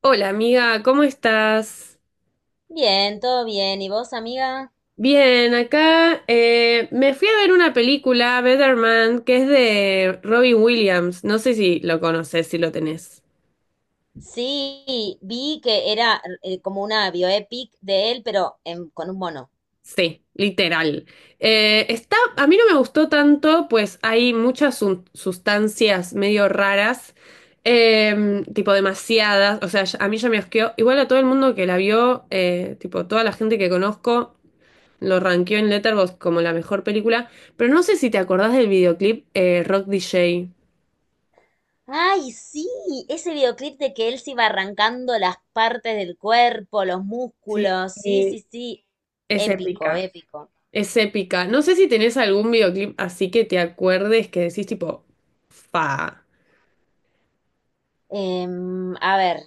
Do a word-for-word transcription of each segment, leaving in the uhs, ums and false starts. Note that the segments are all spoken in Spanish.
Hola amiga, ¿cómo estás? Bien, todo bien. ¿Y vos, amiga? Bien, acá eh, me fui a ver una película, Better Man, que es de Robin Williams. No sé si lo conoces, si lo tenés. Sí, vi que era eh, como una bioepic de él, pero en- con un mono. Sí, literal. Eh, está, a mí no me gustó tanto, pues hay muchas sun- sustancias medio raras, eh, tipo demasiadas. O sea, ya- a mí ya me asqueó. Igual a todo el mundo que la vio, eh, tipo toda la gente que conozco. Lo rankeó en Letterboxd como la mejor película, pero no sé si te acordás del videoclip eh, Rock D J. Ay, sí, ese videoclip de que él se iba arrancando las partes del cuerpo, los Sí, músculos. Sí, y sí, sí. es Épico, épica, épico. es épica. No sé si tenés algún videoclip así que te acuerdes que decís tipo, fa. Em, a ver,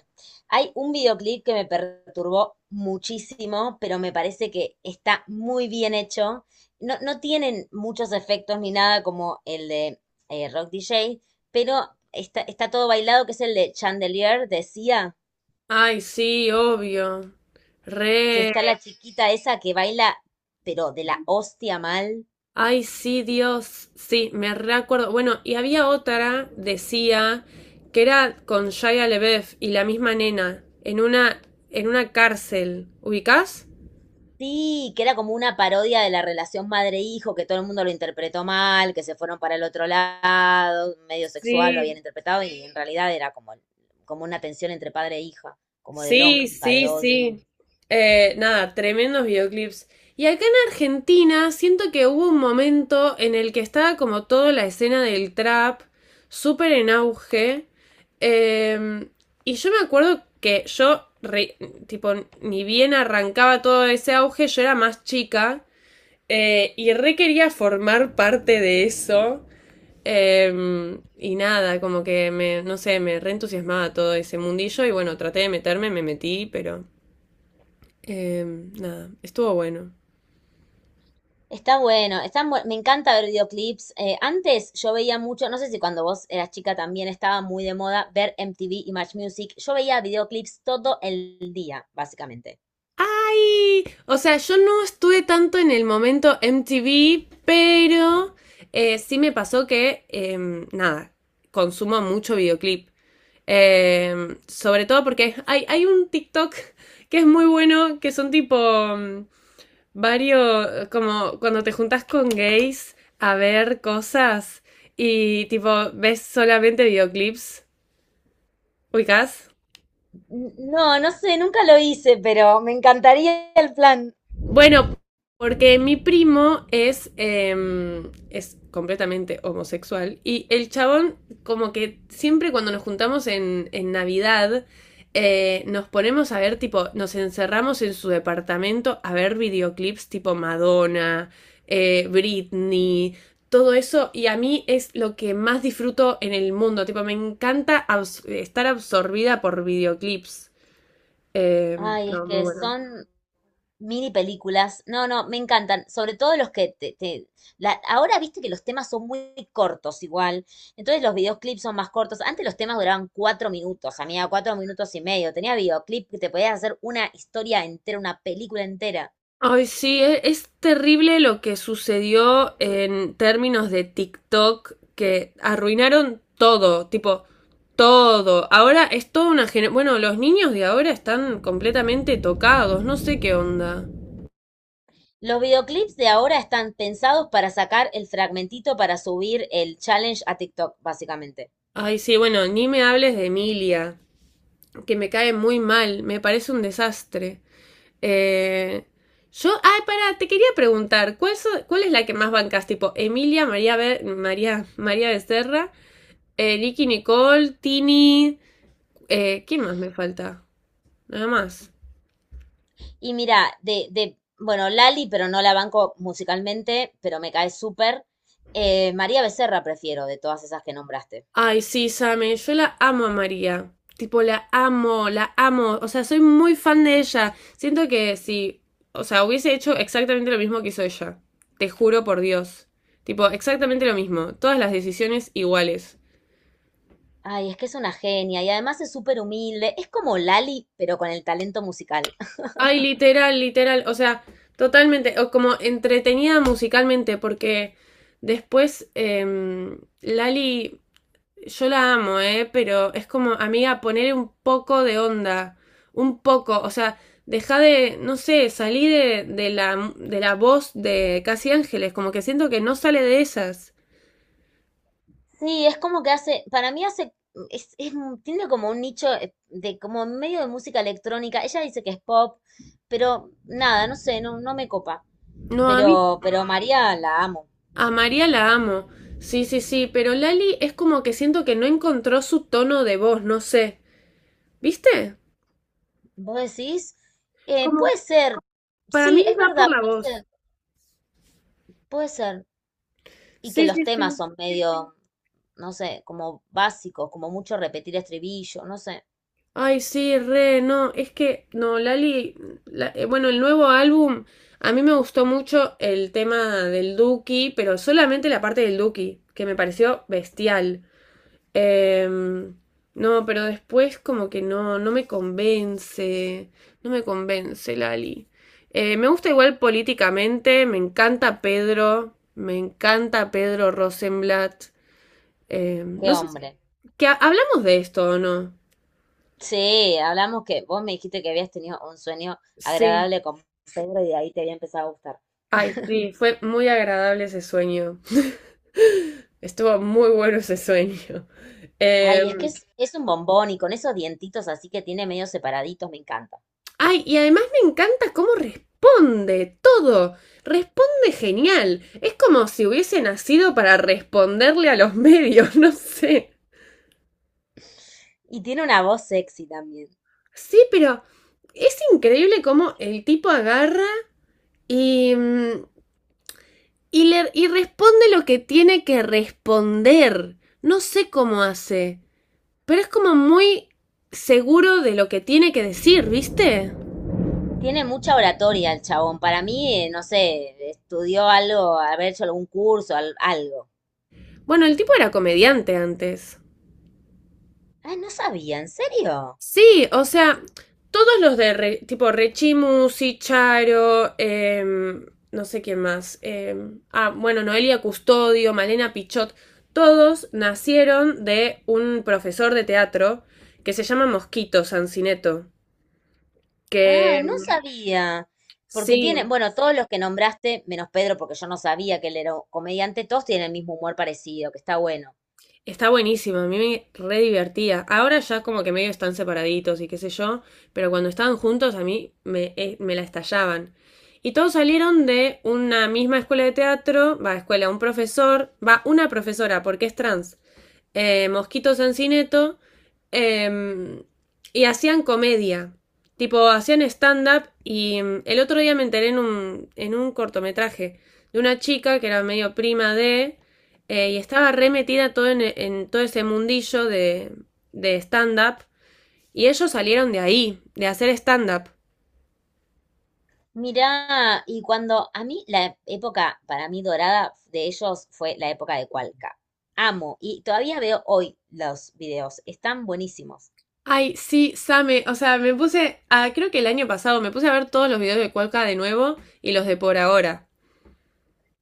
hay un videoclip que me perturbó muchísimo, pero me parece que está muy bien hecho. No, no tienen muchos efectos ni nada como el de eh, Rock D J, pero está, está todo bailado, que es el de Chandelier, decía, Ay, sí, obvio. que Re. está la chiquita esa que baila, pero de la hostia mal. Ay, sí, Dios. Sí, me recuerdo. Bueno, y había otra, decía, que era con Shia LaBeouf y la misma nena, en una, en una cárcel. ¿Ubicás? Sí, que era como una parodia de la relación madre-hijo, que todo el mundo lo interpretó mal, que se fueron para el otro lado, medio sexual lo habían Sí, interpretado y en realidad era como, como una tensión entre padre e hija, como de bronca, sí, de sí, odio. sí. Eh, nada, tremendos videoclips. Y acá en Argentina siento que hubo un momento en el que estaba como toda la escena del trap súper en auge. Eh, y yo me acuerdo que yo, re- tipo, ni bien arrancaba todo ese auge, yo era más chica eh, y re quería formar parte de eso. Eh, y nada, como que me, no sé, me reentusiasmaba todo ese mundillo y bueno, traté de meterme, me metí, pero eh, nada, estuvo bueno. Está bueno, están buen- me encanta ver videoclips. Eh, antes yo veía mucho, no sé si cuando vos eras chica también estaba muy de moda ver M T V y Match Music. Yo veía videoclips todo el día, básicamente. ¡Ay! O sea, yo no estuve tanto en el momento M T V, pero eh, sí me pasó que, eh, nada, consumo mucho videoclip. Eh, sobre todo porque hay, hay un TikTok que es muy bueno, que son tipo mm, varios, como cuando te juntas con gays a ver cosas y tipo ves solamente videoclips, ubicás. N- No, no sé, nunca lo hice, pero me encantaría el plan. Bueno, porque mi primo es, eh, es completamente homosexual y el chabón como que siempre cuando nos juntamos en, en Navidad eh, nos ponemos a ver tipo, nos encerramos en su departamento a ver videoclips tipo Madonna, eh, Britney, todo eso y a mí es lo que más disfruto en el mundo, tipo me encanta abs- estar absorbida por videoclips. Eh, Ay, es no, muy que bueno. son mini películas, no, no, me encantan, sobre todo los que te, te- la- ahora viste que los temas son muy cortos igual, entonces los videoclips son más cortos, antes los temas duraban cuatro minutos, amiga, cuatro minutos y medio, tenía videoclip que te podías hacer una historia entera, una película entera. Ay, sí, e- es, terrible lo que sucedió en términos de TikTok, que arruinaron todo, tipo, todo. Ahora es toda una generación. Bueno, los niños de ahora están completamente tocados, no sé qué onda. Los videoclips de ahora están pensados para sacar el fragmentito para subir el challenge a TikTok, básicamente. Ay, sí, bueno, ni me hables de Emilia, que me cae muy mal, me parece un desastre. Eh, yo, ay, pará, te quería preguntar, ¿cuál, so- ¿cuál es la que más bancas? Tipo, Emilia, María, Be- María, María Becerra. Eh, Nicky Nicole, Tini. Eh, ¿quién más me falta? Nada más. Y mira, de, de, bueno, Lali, pero no la banco musicalmente, pero me cae súper. Eh, María Becerra prefiero de todas esas que nombraste. Ay, sí, Same, yo la amo a María. Tipo, la amo, la amo. O sea, soy muy fan de ella. Siento que si, o sea, hubiese hecho exactamente lo mismo que hizo ella. Te juro por Dios. Tipo, exactamente lo mismo. Todas las decisiones iguales. Ay, es que es una genia y además es súper humilde. Es como Lali, pero con el talento musical. Ay, literal, literal. O sea, totalmente. O como entretenida musicalmente, porque después eh, Lali, yo la amo, ¿eh? Pero es como, amiga, poner un poco de onda. Un poco. O sea, deja de, no sé, salí de, de la, de la voz de Casi Ángeles. Como que siento que no sale de esas. Sí, es como que hace, para mí hace, es, es un- tiene como un nicho eh, de como medio de música electrónica. Ella dice que es pop, pero nada, no sé, no, no me copa. No, a mí, Pero, pero María la amo. a María la amo. Sí, sí, sí. Pero Lali es como que siento que no encontró su tono de voz, no sé. ¿Viste? ¿Vos decís? Eh, Como, puede ser, para sí, mí es va verdad, por la puede voz. ser. Puede ser. Y que Sí, los sí, temas sí. son sí, sí, medio, no sé, como básicos, como mucho repetir estribillo, no sé. Ay, sí, re, no, es que, no, Lali, la- eh, bueno, el nuevo álbum, a mí me gustó mucho el tema del Duki, pero solamente la parte del Duki, que me pareció bestial. Em, no, pero después como que no, no me convence, no me convence, Lali. Eh, me gusta igual políticamente, me encanta Pedro, me encanta Pedro Rosenblatt. Em, no Qué sé si, hombre. que ha- hablamos de esto o no. Sí, hablamos que vos me dijiste que habías tenido un sueño Sí. agradable con Pedro y de ahí te había empezado a gustar. Ay, sí, fue muy agradable ese sueño. Estuvo muy bueno ese sueño. Eh, Ay, es que es, es un bombón y con esos dientitos así que tiene medio separaditos, me encanta. Ay, y además me encanta cómo responde todo. Responde genial. Es como si hubiese nacido para responderle a los medios, no sé. Y tiene una voz sexy también. Sí, pero es increíble cómo el tipo agarra y, mm, y le- y responde lo que tiene que responder. No sé cómo hace. Pero es como muy seguro de lo que tiene que decir, ¿viste? Tiene mucha oratoria el chabón. Para mí, eh, no sé, estudió algo, haber hecho algún curso, al- algo. Bueno, el tipo era comediante antes. Ay, no sabía, ¿en serio? Sí, o sea, todos los de Re- tipo Rechimu, Sicharo, em, no sé quién más. Em, ah, bueno, Noelia Custodio, Malena Pichot, todos nacieron de un profesor de teatro que se llama Mosquito Sancineto. Que Ah, no em, sabía. Porque sí, tiene, bueno, todos los que nombraste, menos Pedro, porque yo no sabía que él era un comediante, todos tienen el mismo humor parecido, que está bueno. está buenísimo, a mí me re divertía. Ahora ya como que medio están separaditos y qué sé yo, pero cuando estaban juntos a mí me, eh, me la estallaban. Y todos salieron de una misma escuela de teatro, va a escuela, un profesor, va una profesora porque es trans eh, Mosquito Sancineto, eh, y hacían comedia. Tipo, hacían stand-up y mm, el otro día me enteré en un, en un cortometraje de una chica que era medio prima de, eh, y estaba re metida todo en, en todo ese mundillo de, de stand-up, y ellos salieron de ahí, de hacer stand-up. Mirá, y cuando a mí la época para mí dorada de ellos fue la época de Cualca. Amo, y todavía veo hoy los videos, están buenísimos. Ay, sí, Same. O sea, me puse. a- creo que el año pasado me puse a ver todos los videos de Cuelca de nuevo y los de por ahora.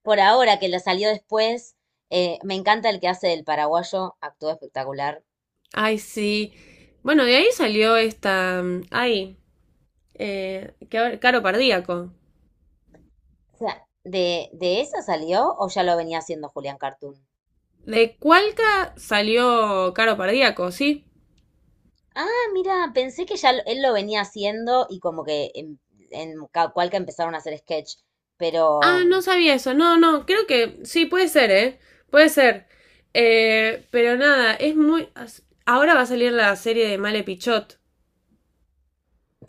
Por ahora que la salió después, eh, me encanta el que hace del paraguayo, actuó espectacular. Ay, sí. Bueno, de ahí salió esta. mm, Ay, eh, que ahora- Caro Pardíaco. O sea, ¿de, de esa salió o ya lo venía haciendo Julián Cartoon? De Cualca salió Caro Pardíaco, ¿sí? Ah, mira, pensé que ya lo- él lo venía haciendo y como que en, en ca- cual que empezaron a hacer sketch, Ah, pero no sabía eso. No, no, creo que sí, puede ser, ¿eh? Puede ser. Eh, pero nada, es muy. as- ahora va a salir la serie de Male Pichot.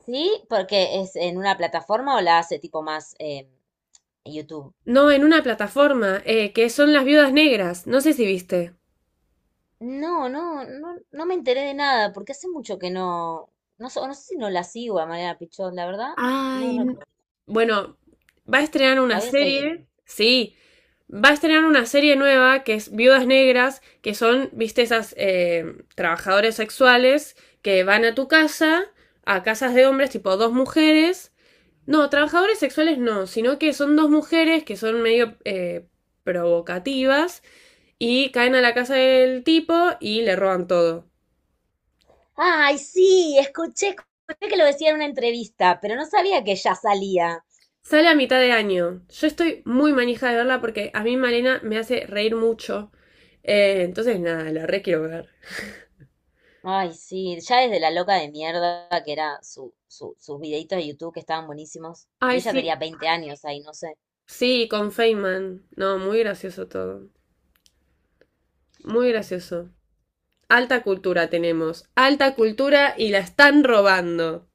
sí, porque es en una plataforma o la hace tipo más eh, en YouTube. No, en una plataforma, eh, que son Las Viudas Negras. No sé si viste. No, no, no, no me enteré de nada, porque hace mucho que no, no, sé- no sé si no la sigo a Mariana Pichón, la verdad, no Ay. n- recuerdo. Bueno, va a estrenar La una voy a seguir. serie, sí, va a estrenar una serie nueva que es Viudas Negras, que son, viste, esas eh, trabajadores sexuales que van a tu casa, a casas de hombres, tipo dos mujeres. No, trabajadores sexuales no, sino que son dos mujeres que son medio eh, provocativas y caen a la casa del tipo y le roban todo. Ay, sí, escuché, escuché que lo decía en una entrevista, pero no sabía que ya salía. Sale a mitad de año. Yo estoy muy manija de verla porque a mí Malena me hace reír mucho. Eh, entonces, nada, la re quiero ver. Ay, sí, ya desde la loca de mierda, que era su, su- sus videitos de YouTube que estaban buenísimos. Y Ay, ella sí. tenía veinte años ahí, no sé. Sí, con Feynman. No, muy gracioso todo. Muy gracioso. Alta cultura tenemos. Alta cultura y la están robando.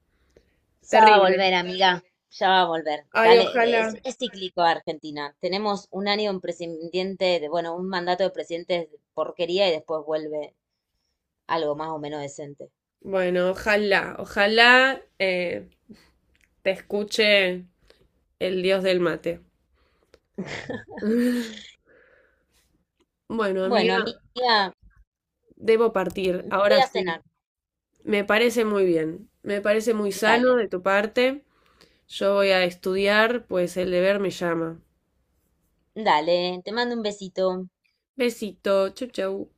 Ya va a Terrible. volver, amiga. Ya va a volver. Ay, Dale, es, ojalá. es cíclico Argentina. Tenemos un año un presidente, de, bueno, un mandato de presidente de porquería y después vuelve algo más o menos decente. Bueno, ojalá. Ojalá eh, te escuche el dios del mate. Bueno, Bueno, amiga, amiga, debo me partir. voy Ahora a sí. cenar. Me parece muy bien. Me parece muy Dale, sano de tu parte. Yo voy a estudiar, pues el deber me llama. dale, te mando un besito. Besito. Chau, chau.